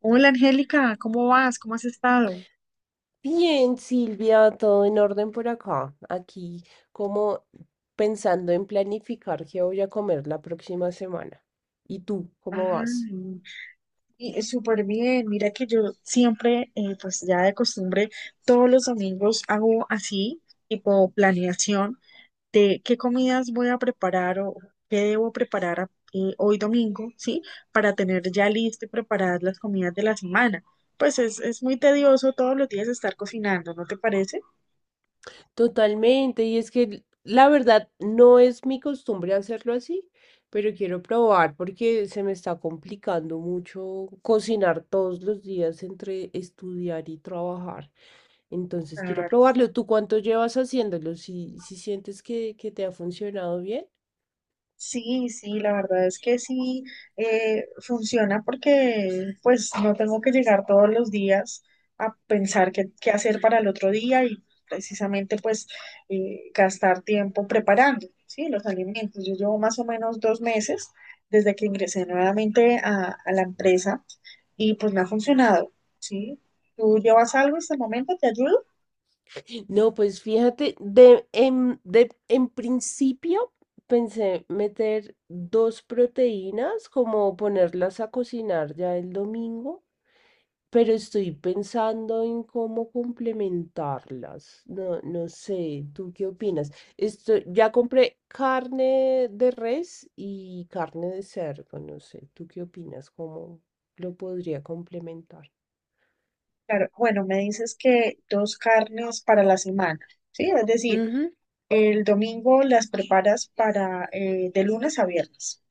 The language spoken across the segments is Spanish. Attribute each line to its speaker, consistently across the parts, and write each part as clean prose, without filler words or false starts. Speaker 1: Hola Angélica, ¿cómo vas? ¿Cómo has estado?
Speaker 2: Bien, Silvia, todo en orden por acá. Aquí como pensando en planificar qué voy a comer la próxima semana. ¿Y tú, cómo vas?
Speaker 1: Ah, súper bien. Mira que yo siempre, pues ya de costumbre, todos los domingos hago así, tipo planeación de qué comidas voy a preparar o qué debo preparar hoy domingo, ¿sí? Para tener ya listo y preparadas las comidas de la semana. Pues es muy tedioso todos los días estar cocinando, ¿no te parece?
Speaker 2: Totalmente, y es que la verdad no es mi costumbre hacerlo así, pero quiero probar porque se me está complicando mucho cocinar todos los días entre estudiar y trabajar. Entonces quiero probarlo. ¿Tú cuánto llevas haciéndolo? Si sientes que te ha funcionado bien.
Speaker 1: Sí, sí, la verdad es que sí funciona porque pues no tengo que llegar todos los días a pensar qué hacer para el otro día y precisamente pues gastar tiempo preparando, ¿sí? Los alimentos. Yo llevo más o menos dos meses desde que ingresé nuevamente a la empresa y pues me ha funcionado, ¿sí? ¿Tú llevas algo hasta el momento? ¿Te ayudo?
Speaker 2: No, pues fíjate, en principio pensé meter dos proteínas, como ponerlas a cocinar ya el domingo, pero estoy pensando en cómo complementarlas. No sé, ¿tú qué opinas? Esto, ya compré carne de res y carne de cerdo, no sé, ¿tú qué opinas? ¿Cómo lo podría complementar?
Speaker 1: Claro, bueno, me dices que dos carnes para la semana, ¿sí? Es decir... El domingo las preparas para de lunes a viernes.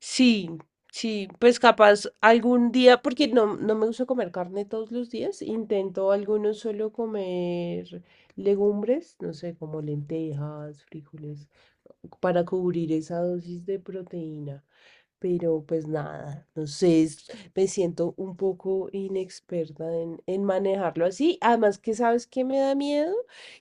Speaker 2: Sí, sí, pues capaz algún día, porque no me gusta comer carne todos los días, intento algunos solo comer legumbres, no sé, como lentejas, frijoles, para cubrir esa dosis de proteína. Pero pues nada, no sé, me siento un poco inexperta en manejarlo así. Además que sabes que me da miedo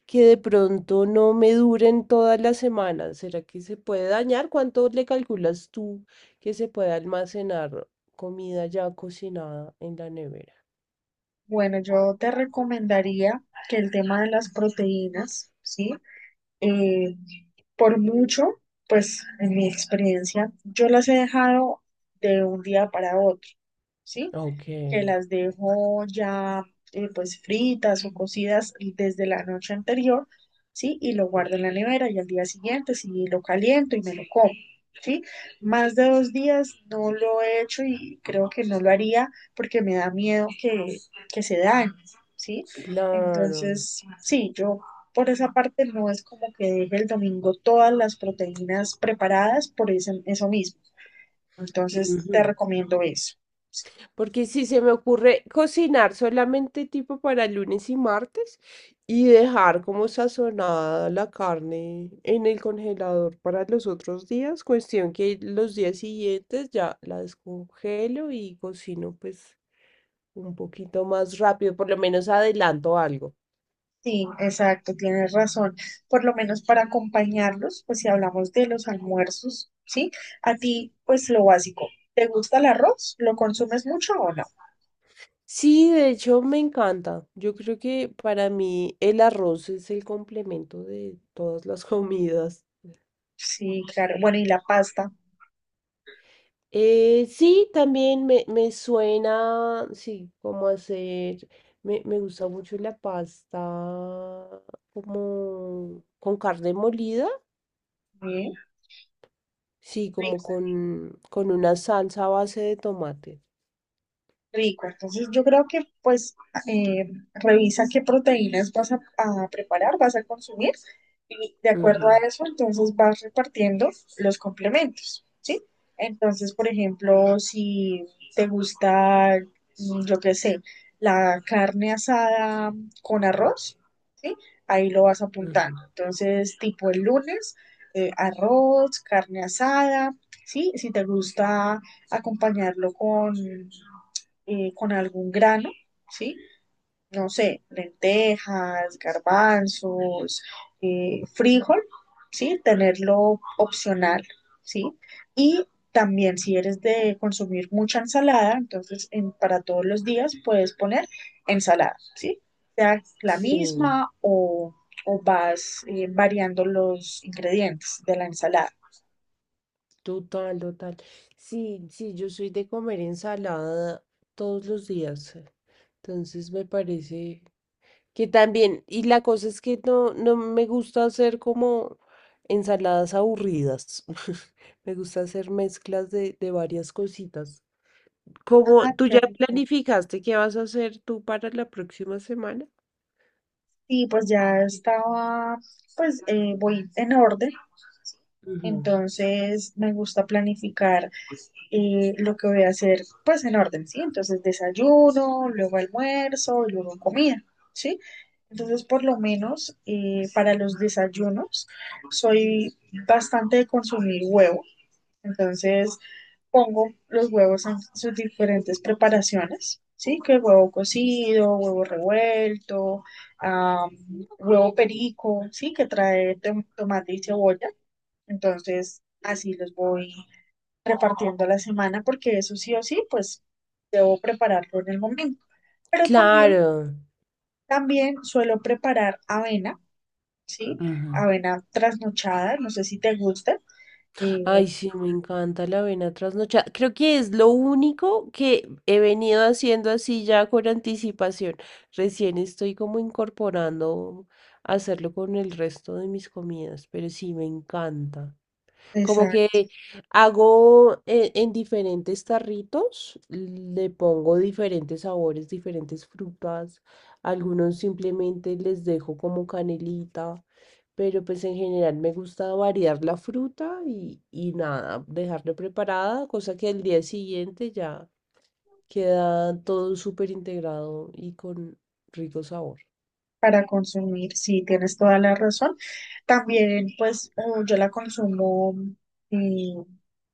Speaker 2: que de pronto no me duren todas las semanas. ¿Será que se puede dañar? ¿Cuánto le calculas tú que se puede almacenar comida ya cocinada en la nevera?
Speaker 1: Bueno, yo te recomendaría que el tema de las proteínas, ¿sí? eh, por mucho, pues en mi experiencia, yo las he dejado de un día para otro, ¿sí?
Speaker 2: Ok,
Speaker 1: Que las dejo ya pues fritas o cocidas desde la noche anterior, ¿sí? Y lo guardo en la nevera y al día siguiente sí lo caliento y me lo como. ¿Sí? Más de dos días no lo he hecho y creo que no lo haría porque me da miedo que se dañe, ¿sí?
Speaker 2: claro.
Speaker 1: Entonces, sí, yo por esa parte no es como que deje el domingo todas las proteínas preparadas por eso mismo. Entonces te
Speaker 2: Ujú.
Speaker 1: recomiendo eso. Sí,
Speaker 2: Porque si se me ocurre cocinar solamente tipo para lunes y martes y dejar como sazonada la carne en el congelador para los otros días, cuestión que los días siguientes ya la descongelo y cocino pues un poquito más rápido, por lo menos adelanto algo.
Speaker 1: sí, exacto, tienes razón. Por lo menos para acompañarlos, pues si hablamos de los almuerzos, ¿sí? A ti, pues lo básico. ¿Te gusta el arroz? ¿Lo consumes mucho o no?
Speaker 2: Sí, de hecho me encanta. Yo creo que para mí el arroz es el complemento de todas las comidas.
Speaker 1: Sí, claro. Bueno, ¿y la pasta,
Speaker 2: Sí, también me suena, sí, como hacer, me gusta mucho la pasta como con carne molida,
Speaker 1: eh?
Speaker 2: sí, como
Speaker 1: Rico.
Speaker 2: con una salsa a base de tomate.
Speaker 1: Rico, entonces yo creo que pues eh, revisa qué proteínas vas a preparar, vas a consumir y de acuerdo
Speaker 2: Ujú,
Speaker 1: a eso entonces vas repartiendo los complementos, ¿sí? Entonces, por ejemplo, si te gusta, mm, yo qué sé, la carne asada con arroz, ¿sí? Ahí lo vas apuntando.
Speaker 2: ujú.
Speaker 1: Entonces, tipo el lunes, arroz, carne asada, ¿sí? Si te gusta acompañarlo con algún grano, ¿sí? No sé, lentejas, garbanzos, frijol, ¿sí? Tenerlo opcional, ¿sí? Y también si eres de consumir mucha ensalada, entonces para todos los días puedes poner ensalada, ¿sí? Sea la
Speaker 2: Sí,
Speaker 1: misma o vas variando los ingredientes de la ensalada.
Speaker 2: total, total. Sí, sí, yo soy de comer ensalada todos los días, entonces me parece que también, y la cosa es que no me gusta hacer como ensaladas aburridas. Me gusta hacer mezclas de varias cositas. ¿Como
Speaker 1: Ah,
Speaker 2: tú
Speaker 1: qué
Speaker 2: ya
Speaker 1: rico.
Speaker 2: planificaste qué vas a hacer tú para la próxima semana?
Speaker 1: Sí, pues ya estaba, pues voy en orden.
Speaker 2: Ujú.
Speaker 1: Entonces me gusta planificar lo que voy a hacer pues en orden, ¿sí? Entonces desayuno, luego almuerzo y luego comida, ¿sí? Entonces por lo menos para los desayunos soy bastante de consumir huevo, entonces pongo los huevos en sus diferentes preparaciones, ¿sí? Que huevo cocido, huevo revuelto, ah, huevo perico, ¿sí? Que trae tomate y cebolla. Entonces, así los voy repartiendo la semana porque eso sí o sí, pues debo prepararlo en el momento. Pero también,
Speaker 2: Claro.
Speaker 1: también suelo preparar avena, ¿sí?
Speaker 2: Ujú.
Speaker 1: Avena trasnochada, no sé si te gusta, eh,
Speaker 2: Ay, sí, me encanta la avena trasnochada. Creo que es lo único que he venido haciendo así ya con anticipación. Recién estoy como incorporando hacerlo con el resto de mis comidas, pero sí, me encanta. Como
Speaker 1: esa
Speaker 2: que hago diferentes tarritos, le pongo diferentes sabores, diferentes frutas. Algunos simplemente les dejo como canelita, pero pues en general me gusta variar la fruta y nada, dejarla preparada, cosa que al día siguiente ya queda todo súper integrado y con rico sabor.
Speaker 1: para consumir, sí, tienes toda la razón. También, pues yo la consumo eh,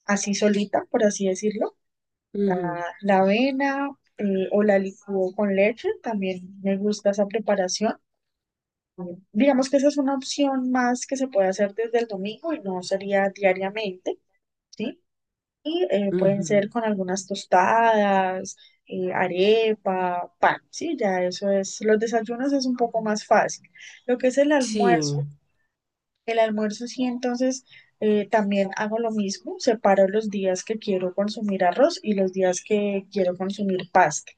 Speaker 1: así solita, por así decirlo.
Speaker 2: Ujú,
Speaker 1: La avena o la licúo con leche, también me gusta esa preparación. Digamos que esa es una opción más que se puede hacer desde el domingo y no sería diariamente, ¿sí? Y pueden
Speaker 2: ujú.
Speaker 1: ser con algunas tostadas, arepa, pan, ¿sí? Ya eso es, los desayunos es un poco más fácil. Lo que es
Speaker 2: Sí.
Speaker 1: el almuerzo sí, entonces también hago lo mismo, separo los días que quiero consumir arroz y los días que quiero consumir pasta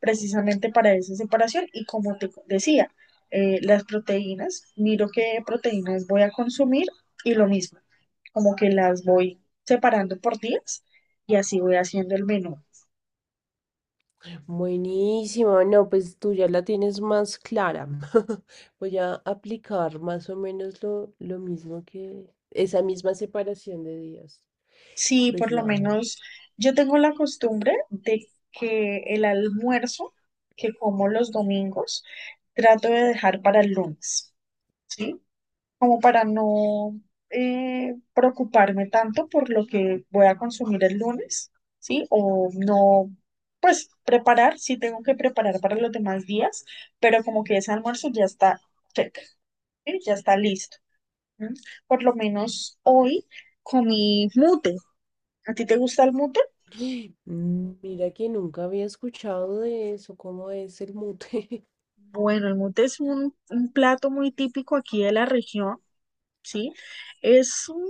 Speaker 1: precisamente para esa separación. Y como te decía, las proteínas, miro qué proteínas voy a consumir y lo mismo, como que las voy separando por días y así voy haciendo el menú.
Speaker 2: Buenísimo, no, pues tú ya la tienes más clara. Voy a aplicar más o menos lo mismo que esa misma separación de días.
Speaker 1: Sí,
Speaker 2: Pues
Speaker 1: por lo
Speaker 2: nada,
Speaker 1: menos yo tengo la costumbre de que el almuerzo que como los domingos trato de dejar para el lunes, ¿sí? Como para no preocuparme tanto por lo que voy a consumir el lunes, ¿sí? O no, pues preparar, sí tengo que preparar para los demás días, pero como que ese almuerzo ya está check, ¿sí? Ya está listo. ¿Sí? Por lo menos hoy comí mute. ¿A ti te gusta el mute?
Speaker 2: mm, mira que nunca había escuchado de eso, cómo es el mute.
Speaker 1: Bueno, el mute es un plato muy típico aquí de la región, ¿sí? Es un,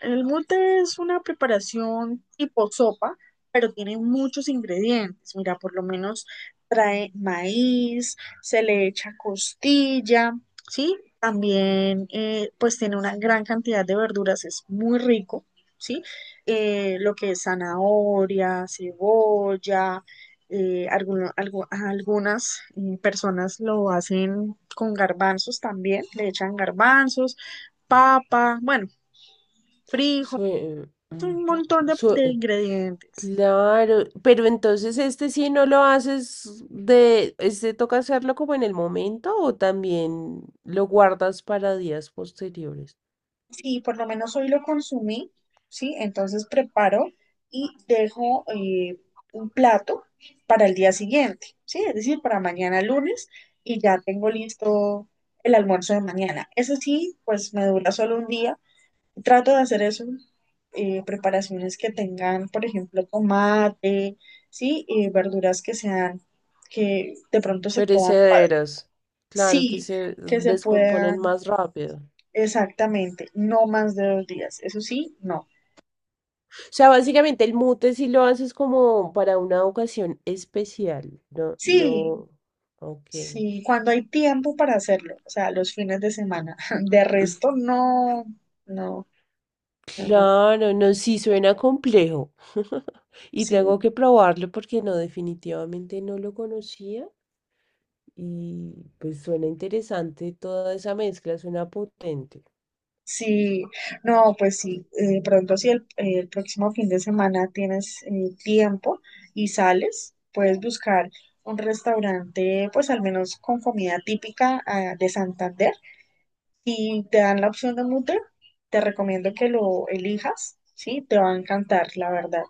Speaker 1: el mute es una preparación tipo sopa, pero tiene muchos ingredientes. Mira, por lo menos trae maíz, se le echa costilla, ¿sí? También, pues tiene una gran cantidad de verduras, es muy rico, ¿sí? Lo que es zanahoria, cebolla. Algunas personas lo hacen con garbanzos también, le echan garbanzos, papa, bueno, frijol,
Speaker 2: Sue-
Speaker 1: un
Speaker 2: ujú,
Speaker 1: montón de
Speaker 2: sue-
Speaker 1: ingredientes.
Speaker 2: claro, pero entonces este sí no lo haces este toca hacerlo como en el momento o también lo guardas para días posteriores.
Speaker 1: Sí, por lo menos hoy lo consumí, ¿sí? Entonces preparo y dejo un plato para el día siguiente, ¿sí? Es decir, para mañana lunes y ya tengo listo el almuerzo de mañana. Eso sí, pues me dura solo un día. Trato de hacer eso, preparaciones que tengan, por ejemplo, tomate, ¿sí? Verduras que sean, que de pronto se puedan, fa-
Speaker 2: Perecederas. Claro que
Speaker 1: Sí,
Speaker 2: se
Speaker 1: que se
Speaker 2: descomponen
Speaker 1: puedan,
Speaker 2: más rápido. O
Speaker 1: exactamente, no más de dos días. Eso sí, no.
Speaker 2: sea, básicamente el mute si lo haces como para una ocasión especial. No,
Speaker 1: Sí,
Speaker 2: no. Ok.
Speaker 1: sí, cuando hay tiempo para hacerlo, o sea, los fines de semana. De resto, no, no, no, no.
Speaker 2: Claro, no, sí suena complejo. Y
Speaker 1: Sí,
Speaker 2: tengo que probarlo porque no, definitivamente no lo conocía. Y pues suena interesante toda esa mezcla, suena potente.
Speaker 1: sí, no, pues sí, pronto si el próximo fin de semana tienes tiempo y sales, puedes buscar un restaurante, pues al menos con comida típica, ah, de Santander. Si te dan la opción de Mutter, te recomiendo que lo elijas, ¿sí? Te va a encantar, la verdad.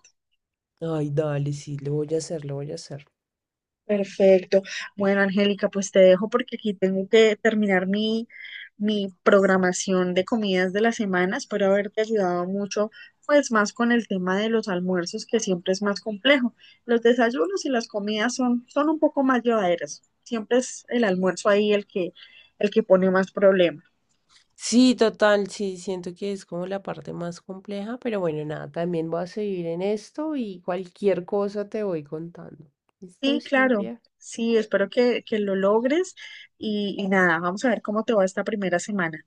Speaker 2: Ay, dale, sí, lo voy a hacer, lo voy a hacer.
Speaker 1: Perfecto. Bueno, Angélica, pues te dejo porque aquí tengo que terminar mi, mi programación de comidas de la semana. Espero haberte ayudado mucho, pues más con el tema de los almuerzos, que siempre es más complejo. Los desayunos y las comidas son, son un poco más llevaderas. Siempre es el almuerzo ahí el que pone más problemas.
Speaker 2: Sí, total, sí, siento que es como la parte más compleja, pero bueno, nada, también voy a seguir en esto y cualquier cosa te voy contando. ¿Listo,
Speaker 1: Sí, claro.
Speaker 2: Silvia?
Speaker 1: Sí, espero que lo logres y nada, vamos a ver cómo te va esta primera semana.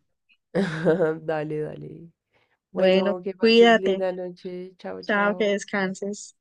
Speaker 2: Dale, dale.
Speaker 1: Bueno,
Speaker 2: Bueno, que pases
Speaker 1: cuídate.
Speaker 2: linda noche. Chao,
Speaker 1: Chao, que
Speaker 2: chao.
Speaker 1: descanses.